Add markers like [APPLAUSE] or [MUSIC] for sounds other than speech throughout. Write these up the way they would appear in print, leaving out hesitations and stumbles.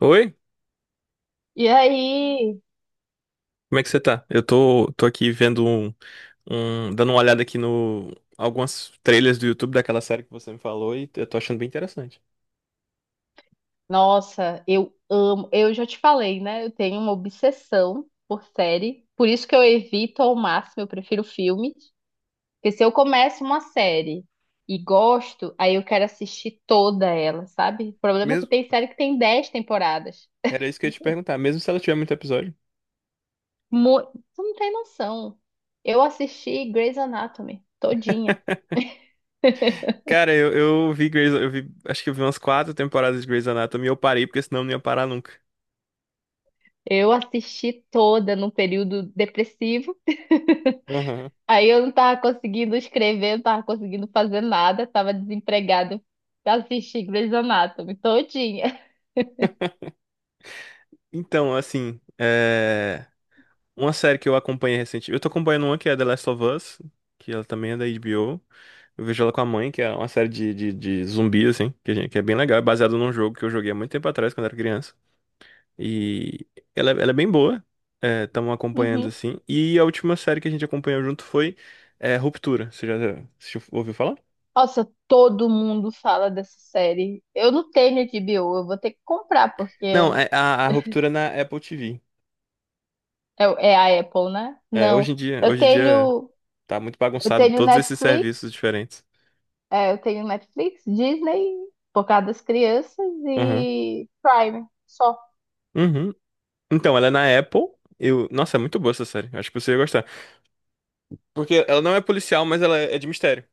Oi, E aí, como é que você tá? Eu tô aqui vendo dando uma olhada aqui no algumas trailers do YouTube daquela série que você me falou e eu tô achando bem interessante. nossa, eu amo. Eu já te falei, né? Eu tenho uma obsessão por série. Por isso que eu evito ao máximo, eu prefiro filme. Porque se eu começo uma série e gosto, aí eu quero assistir toda ela, sabe? O problema é que Mesmo. tem série que tem dez temporadas. Era isso que eu ia te perguntar, mesmo se ela tiver muito episódio. Tu não tem noção. Eu assisti Grey's Anatomy todinha. [LAUGHS] Cara, eu vi Grey's, eu vi, acho que eu vi umas quatro temporadas de Grey's Anatomy e eu parei porque senão eu não ia parar nunca. Eu assisti toda num período depressivo. [LAUGHS] Aham. Aí eu não tava conseguindo escrever, não tava conseguindo fazer nada, tava desempregado pra assistir Grey's Anatomy todinha. [LAUGHS] Então, assim, uma série que eu acompanhei recentemente. Eu tô acompanhando uma que é The Last of Us, que ela também é da HBO. Eu vejo ela com a mãe, que é uma série de zumbi, assim, que é bem legal. É baseado num jogo que eu joguei há muito tempo atrás, quando era criança. E ela é bem boa. Estamos acompanhando, Uhum. assim. E a última série que a gente acompanhou junto foi é, Ruptura. Você já ouviu falar? Nossa, todo mundo fala dessa série. Eu não tenho H B O, eu vou ter que comprar, Não, é a Ruptura na Apple TV. é a Apple, né? É, Não. Eu hoje em dia tenho, tá muito eu bagunçado tenho todos esses Netflix, serviços diferentes. Eu tenho Netflix, Disney, por causa das crianças, Aham. e Prime, só. Uhum. Então, ela é na Apple. Eu... Nossa, é muito boa essa série. Acho que você ia gostar. Porque ela não é policial, mas ela é de mistério.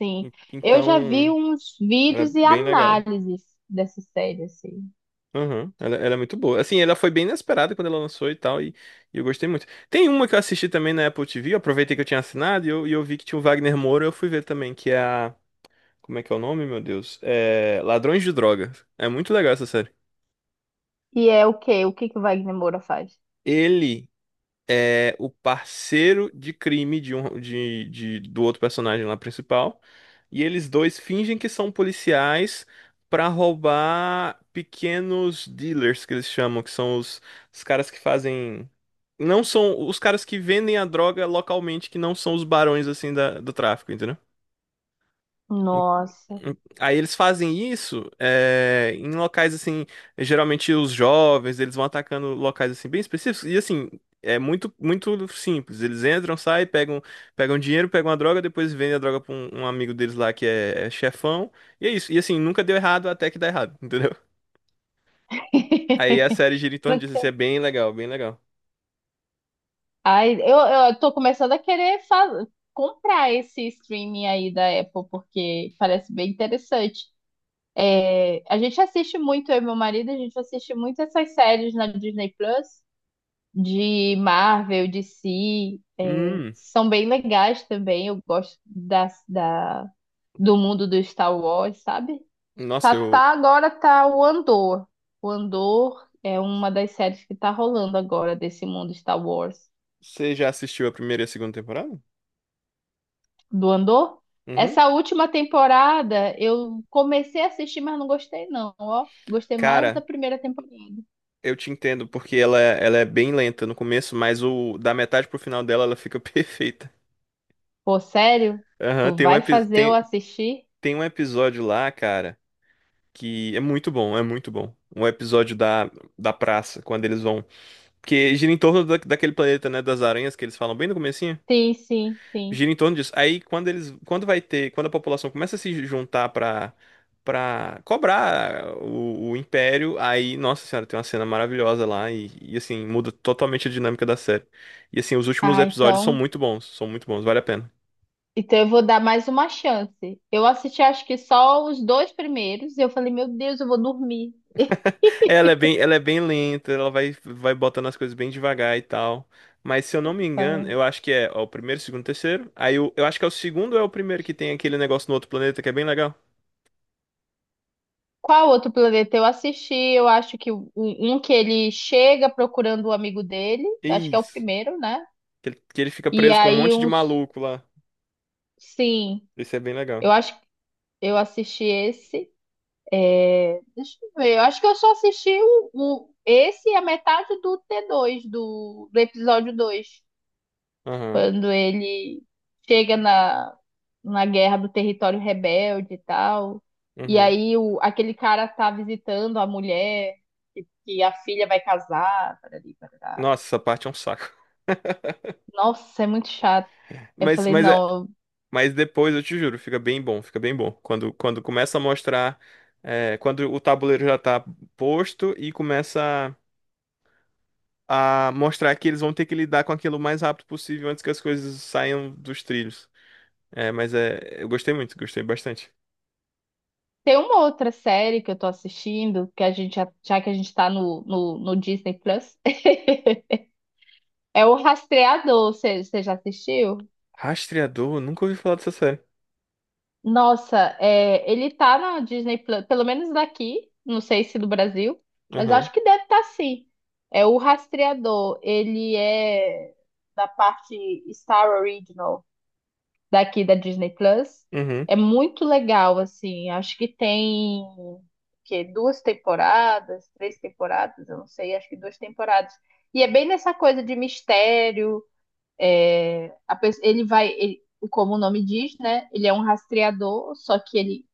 Sim. Eu Então, já vi uns ela é vídeos e bem legal. análises dessa série, assim. Aham, ela é muito boa. Assim, ela foi bem inesperada quando ela lançou e tal, e eu gostei muito. Tem uma que eu assisti também na Apple TV, eu aproveitei que eu tinha assinado e eu vi que tinha o Wagner Moura, eu fui ver também, que é a. Como é que é o nome, meu Deus? É. Ladrões de Drogas. É muito legal essa série. E é o quê? O que o Wagner Moura faz? Ele é o parceiro de crime de um, de- do outro personagem lá principal. E eles dois fingem que são policiais para roubar pequenos dealers, que eles chamam, que são os caras que fazem. Não são os caras que vendem a droga localmente, que não são os barões assim do tráfico, entendeu? Nossa. Aí eles fazem isso é, em locais assim, geralmente os jovens, eles vão atacando locais assim bem específicos e assim, é muito muito simples. Eles entram, saem, pegam dinheiro, pegam a droga, depois vendem a droga pra um amigo deles lá que é chefão. E é isso. E assim, nunca deu errado até que dá errado, [LAUGHS] entendeu? Aí a série [LAUGHS] gira em torno disso, assim, Nunca- é bem legal, bem legal. Ai, eu tô começando a querer comprar esse streaming aí da Apple, porque parece bem interessante. É, a gente assiste muito, eu e meu marido, a gente assiste muito essas séries na Disney Plus, de Marvel, DC, é, Hum, são bem legais também. Eu gosto da, da, do mundo do Star Wars, sabe? nossa, tá eu tá agora tá o Andor. O Andor é uma das séries que tá rolando agora desse mundo Star Wars. você já assistiu a primeira e a segunda temporada? Do Andor? Uhum. Essa última temporada eu comecei a assistir, mas não gostei não, ó. Gostei mais da Cara, primeira temporada. eu te entendo, porque ela é bem lenta no começo, mas o da metade pro final dela ela fica [LAUGHS] perfeita. Pô, sério? Aham, Tu vai fazer eu assistir? tem um episódio lá, cara, que é muito bom, é muito bom. Um episódio da praça, quando eles vão. Porque gira em torno daquele planeta, né, das aranhas, que eles falam bem no começo. Sim, sim, sim. Gira em torno disso. Aí quando eles, quando vai ter, quando a população começa a se juntar pra para cobrar o império, aí, nossa senhora, tem uma cena maravilhosa lá e, assim muda totalmente a dinâmica da série. E assim, os últimos Ah, episódios então, são muito bons, vale a pena. então eu vou dar mais uma chance. Eu assisti acho que só os dois primeiros e eu falei, meu Deus, eu vou dormir. É, ela é bem, ela é bem lenta, ela vai botando as coisas bem devagar e tal. Mas se eu não me engano, Ah, eu acho que é ó, o primeiro, segundo, terceiro. Eu acho que é o segundo ou é o primeiro que tem aquele negócio no outro planeta que é bem legal. qual outro planeta eu assisti? Eu acho que um que ele chega procurando o amigo dele, acho que é o Isso. primeiro, né? Que ele fica E preso com um aí monte de uns, maluco lá. sim, Isso é bem eu legal. acho que eu assisti esse. Deixa eu ver, eu acho que eu só assisti esse e a metade do do episódio 2. Aham, Quando ele chega na guerra do território rebelde e tal. E uhum. aí aquele cara tá visitando a mulher, que a filha vai casar, parari, parará. Nossa, essa parte é um saco. Nossa, é muito chato. [LAUGHS] Eu Mas, falei, mas, é, não, eu- mas depois, eu te juro, fica bem bom, fica bem bom. Quando começa a mostrar, é, quando o tabuleiro já tá posto e começa a mostrar que eles vão ter que lidar com aquilo o mais rápido possível antes que as coisas saiam dos trilhos. Eu gostei muito, gostei bastante. tem uma outra série que eu tô assistindo, que já que a gente tá no Disney Plus, [LAUGHS] é o Rastreador, você já assistiu? Rastreador, nunca ouvi falar dessa série. Nossa, é, ele tá na Disney Plus, pelo menos daqui, não sei se do Brasil, mas eu Aham, acho que deve estar sim. É o Rastreador, ele é da parte Star Original, daqui da Disney Plus. uhum, É muito legal, assim. Acho que tem que duas temporadas, três temporadas, eu não sei, acho que duas temporadas. E é bem nessa coisa de mistério. É, a pe- ele vai, ele- Como o nome diz, né? Ele é um rastreador, só que ele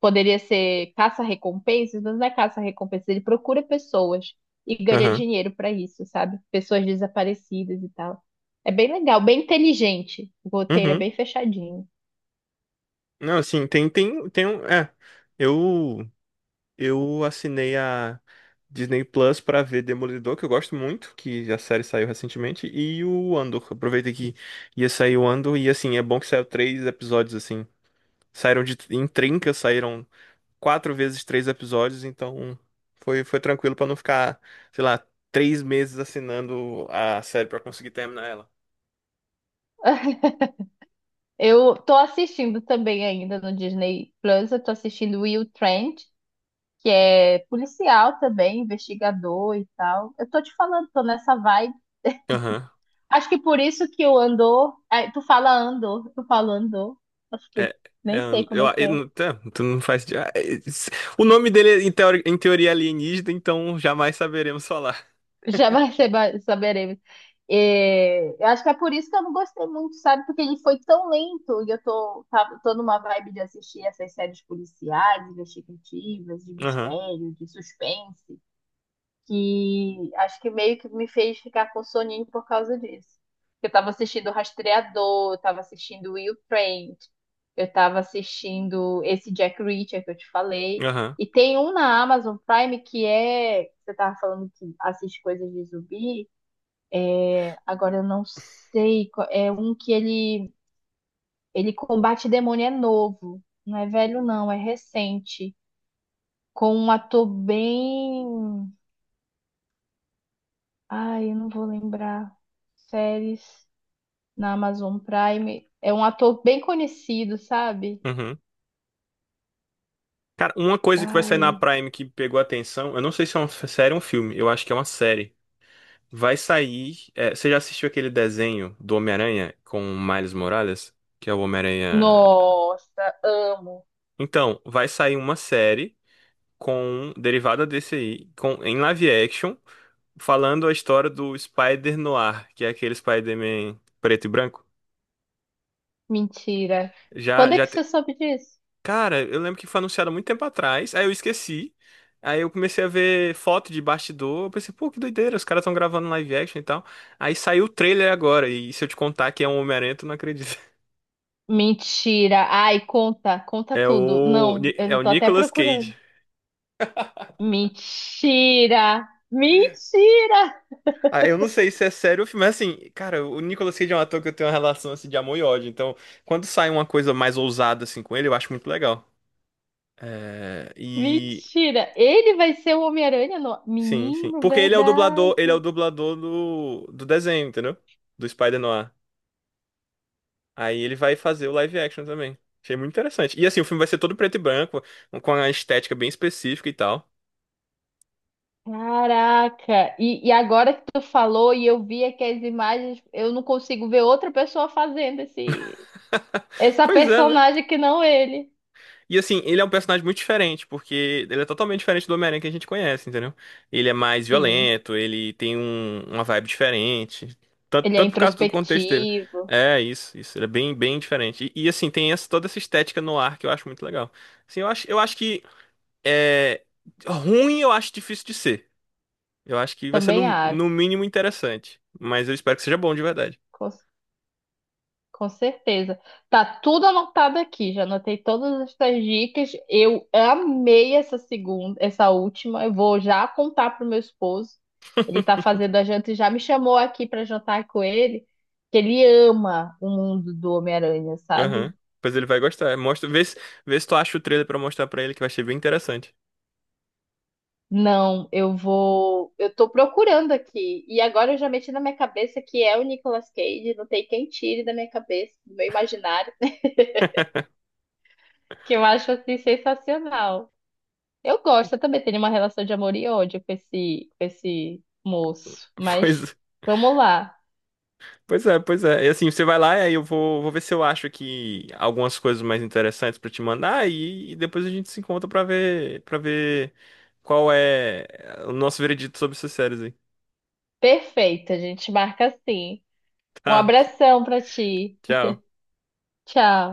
poderia ser caça-recompensas, mas não é caça-recompensas, ele procura pessoas e ganha aham, dinheiro para isso, sabe? Pessoas desaparecidas e tal. É bem legal, bem inteligente. O uhum, roteiro é uhum. bem fechadinho. Não, assim, tem um, é, eu... Eu assinei a Disney Plus pra ver Demolidor, que eu gosto muito, que a série saiu recentemente, e o Andor. Aproveitei que ia sair o Andor, e assim, é bom que saiu três episódios, assim. Saíram de, em trinca, saíram quatro vezes três episódios, então foi, foi tranquilo pra não ficar, sei lá, três meses assinando a série pra conseguir terminar ela. [LAUGHS] Eu tô assistindo também ainda no Disney Plus, eu tô assistindo Will Trent, que é policial também, investigador e tal. Eu tô te falando, tô nessa vibe. Aham. Acho que por isso que o Andor, ai, tu fala Andor, tu fala Andor. Acho que É, é, nem sei and- como é que eu, é. não- tá, tu não faz. O nome dele, é, em teoria, alienígena, então jamais saberemos falar. [LAUGHS] Já vai ser, ba- saberemos. É, eu acho que é por isso que eu não gostei muito, sabe? Porque ele foi tão lento e tô numa vibe de assistir essas séries policiais, investigativas, de Aham, mistério, de suspense. Que acho que meio que me fez ficar com soninho por causa disso. Eu tava assistindo o Rastreador, eu tava assistindo Will Trent, eu tava assistindo esse Jack Reacher que eu te falei. aham. E tem um na Amazon Prime que é. Você tava falando que assiste coisas de zumbi. Agora eu não sei. É um que ele combate demônio, é novo. Não é velho, não, é recente. Com um ator bem. Ai, eu não vou lembrar. Séries. Na Amazon Prime. É um ator bem conhecido, sabe? Uhum. Cara, uma coisa que vai sair na Ai, Prime que pegou atenção, eu não sei se é série ou um filme, eu acho que é uma série. Vai sair. É, você já assistiu aquele desenho do Homem-Aranha com o Miles Morales? Que é o Homem-Aranha. nossa, amo. Então, vai sair uma série com derivada desse aí, com em live action, falando a história do Spider-Noir, que é aquele Spider-Man preto e branco. Mentira. Já Quando é já que te- você soube disso? Cara, eu lembro que foi anunciado há muito tempo atrás, aí eu esqueci. Aí eu comecei a ver foto de bastidor, eu pensei, pô, que doideira, os caras estão gravando live action e tal. Aí saiu o trailer agora, e se eu te contar que é um Homem-Aranha, tu não acredita. [LAUGHS] Mentira. Ai, conta, conta É tudo. o Não, Ni- eu é já o tô até Nicolas procurando. Cage. Mentira. Mentira. Ah, eu não sei se é sério o filme, mas assim, cara, o Nicolas Cage é um ator que eu tenho uma relação assim de amor e ódio. Então, quando sai uma coisa mais ousada assim com ele, eu acho muito legal. É, e Mentira. Ele vai ser o Homem-Aranha no... sim, sim. Menino, Porque ele é o dublador, verdade. ele é o dublador do desenho, entendeu? Do Spider-Noir. Aí ele vai fazer o live action também. Achei muito interessante. E assim, o filme vai ser todo preto e branco, com a estética bem específica e tal. Caraca. E agora que tu falou e eu vi aqui as imagens, eu não consigo ver outra pessoa fazendo esse [LAUGHS] essa Pois é, né? personagem que não ele. E assim, ele é um personagem muito diferente, porque ele é totalmente diferente do Homem-Aranha que a gente conhece, entendeu? Ele é mais Sim. violento, ele tem uma vibe diferente. Tanto, Ele é tanto por causa do contexto dele. introspectivo. É, isso, isso. Ele é bem, bem diferente. E assim, tem essa, toda essa estética no ar que eu acho muito legal. Assim, eu acho que é, ruim eu acho difícil de ser. Eu acho que vai ser Também acho. no mínimo interessante. Mas eu espero que seja bom de verdade. Com, com certeza. Tá tudo anotado aqui. Já anotei todas essas dicas. Eu amei essa segunda, essa última. Eu vou já contar pro meu esposo. Ele tá fazendo a janta e já me chamou aqui para jantar com ele. Que ele ama o mundo do Homem-Aranha, sabe? Aham. Pois ele vai gostar. Mostra, vê se tu acha o trailer pra mostrar pra ele que vai ser bem interessante. Não, eu vou. Eu tô procurando aqui. E agora eu já meti na minha cabeça que é o Nicolas Cage. Não tem quem tire da minha cabeça, do meu imaginário, que eu acho assim sensacional. Eu gosto, eu também tenho uma relação de amor e ódio com esse moço. [LAUGHS] Mas Pois vamos lá. Pois é, pois é. E assim, você vai lá e aí vou ver se eu acho aqui algumas coisas mais interessantes pra te mandar e depois a gente se encontra para ver qual é o nosso veredito sobre essas séries aí. [LAUGHS] Perfeito, a gente marca assim. Um Tá, abração pra ti. tchau. Tchau.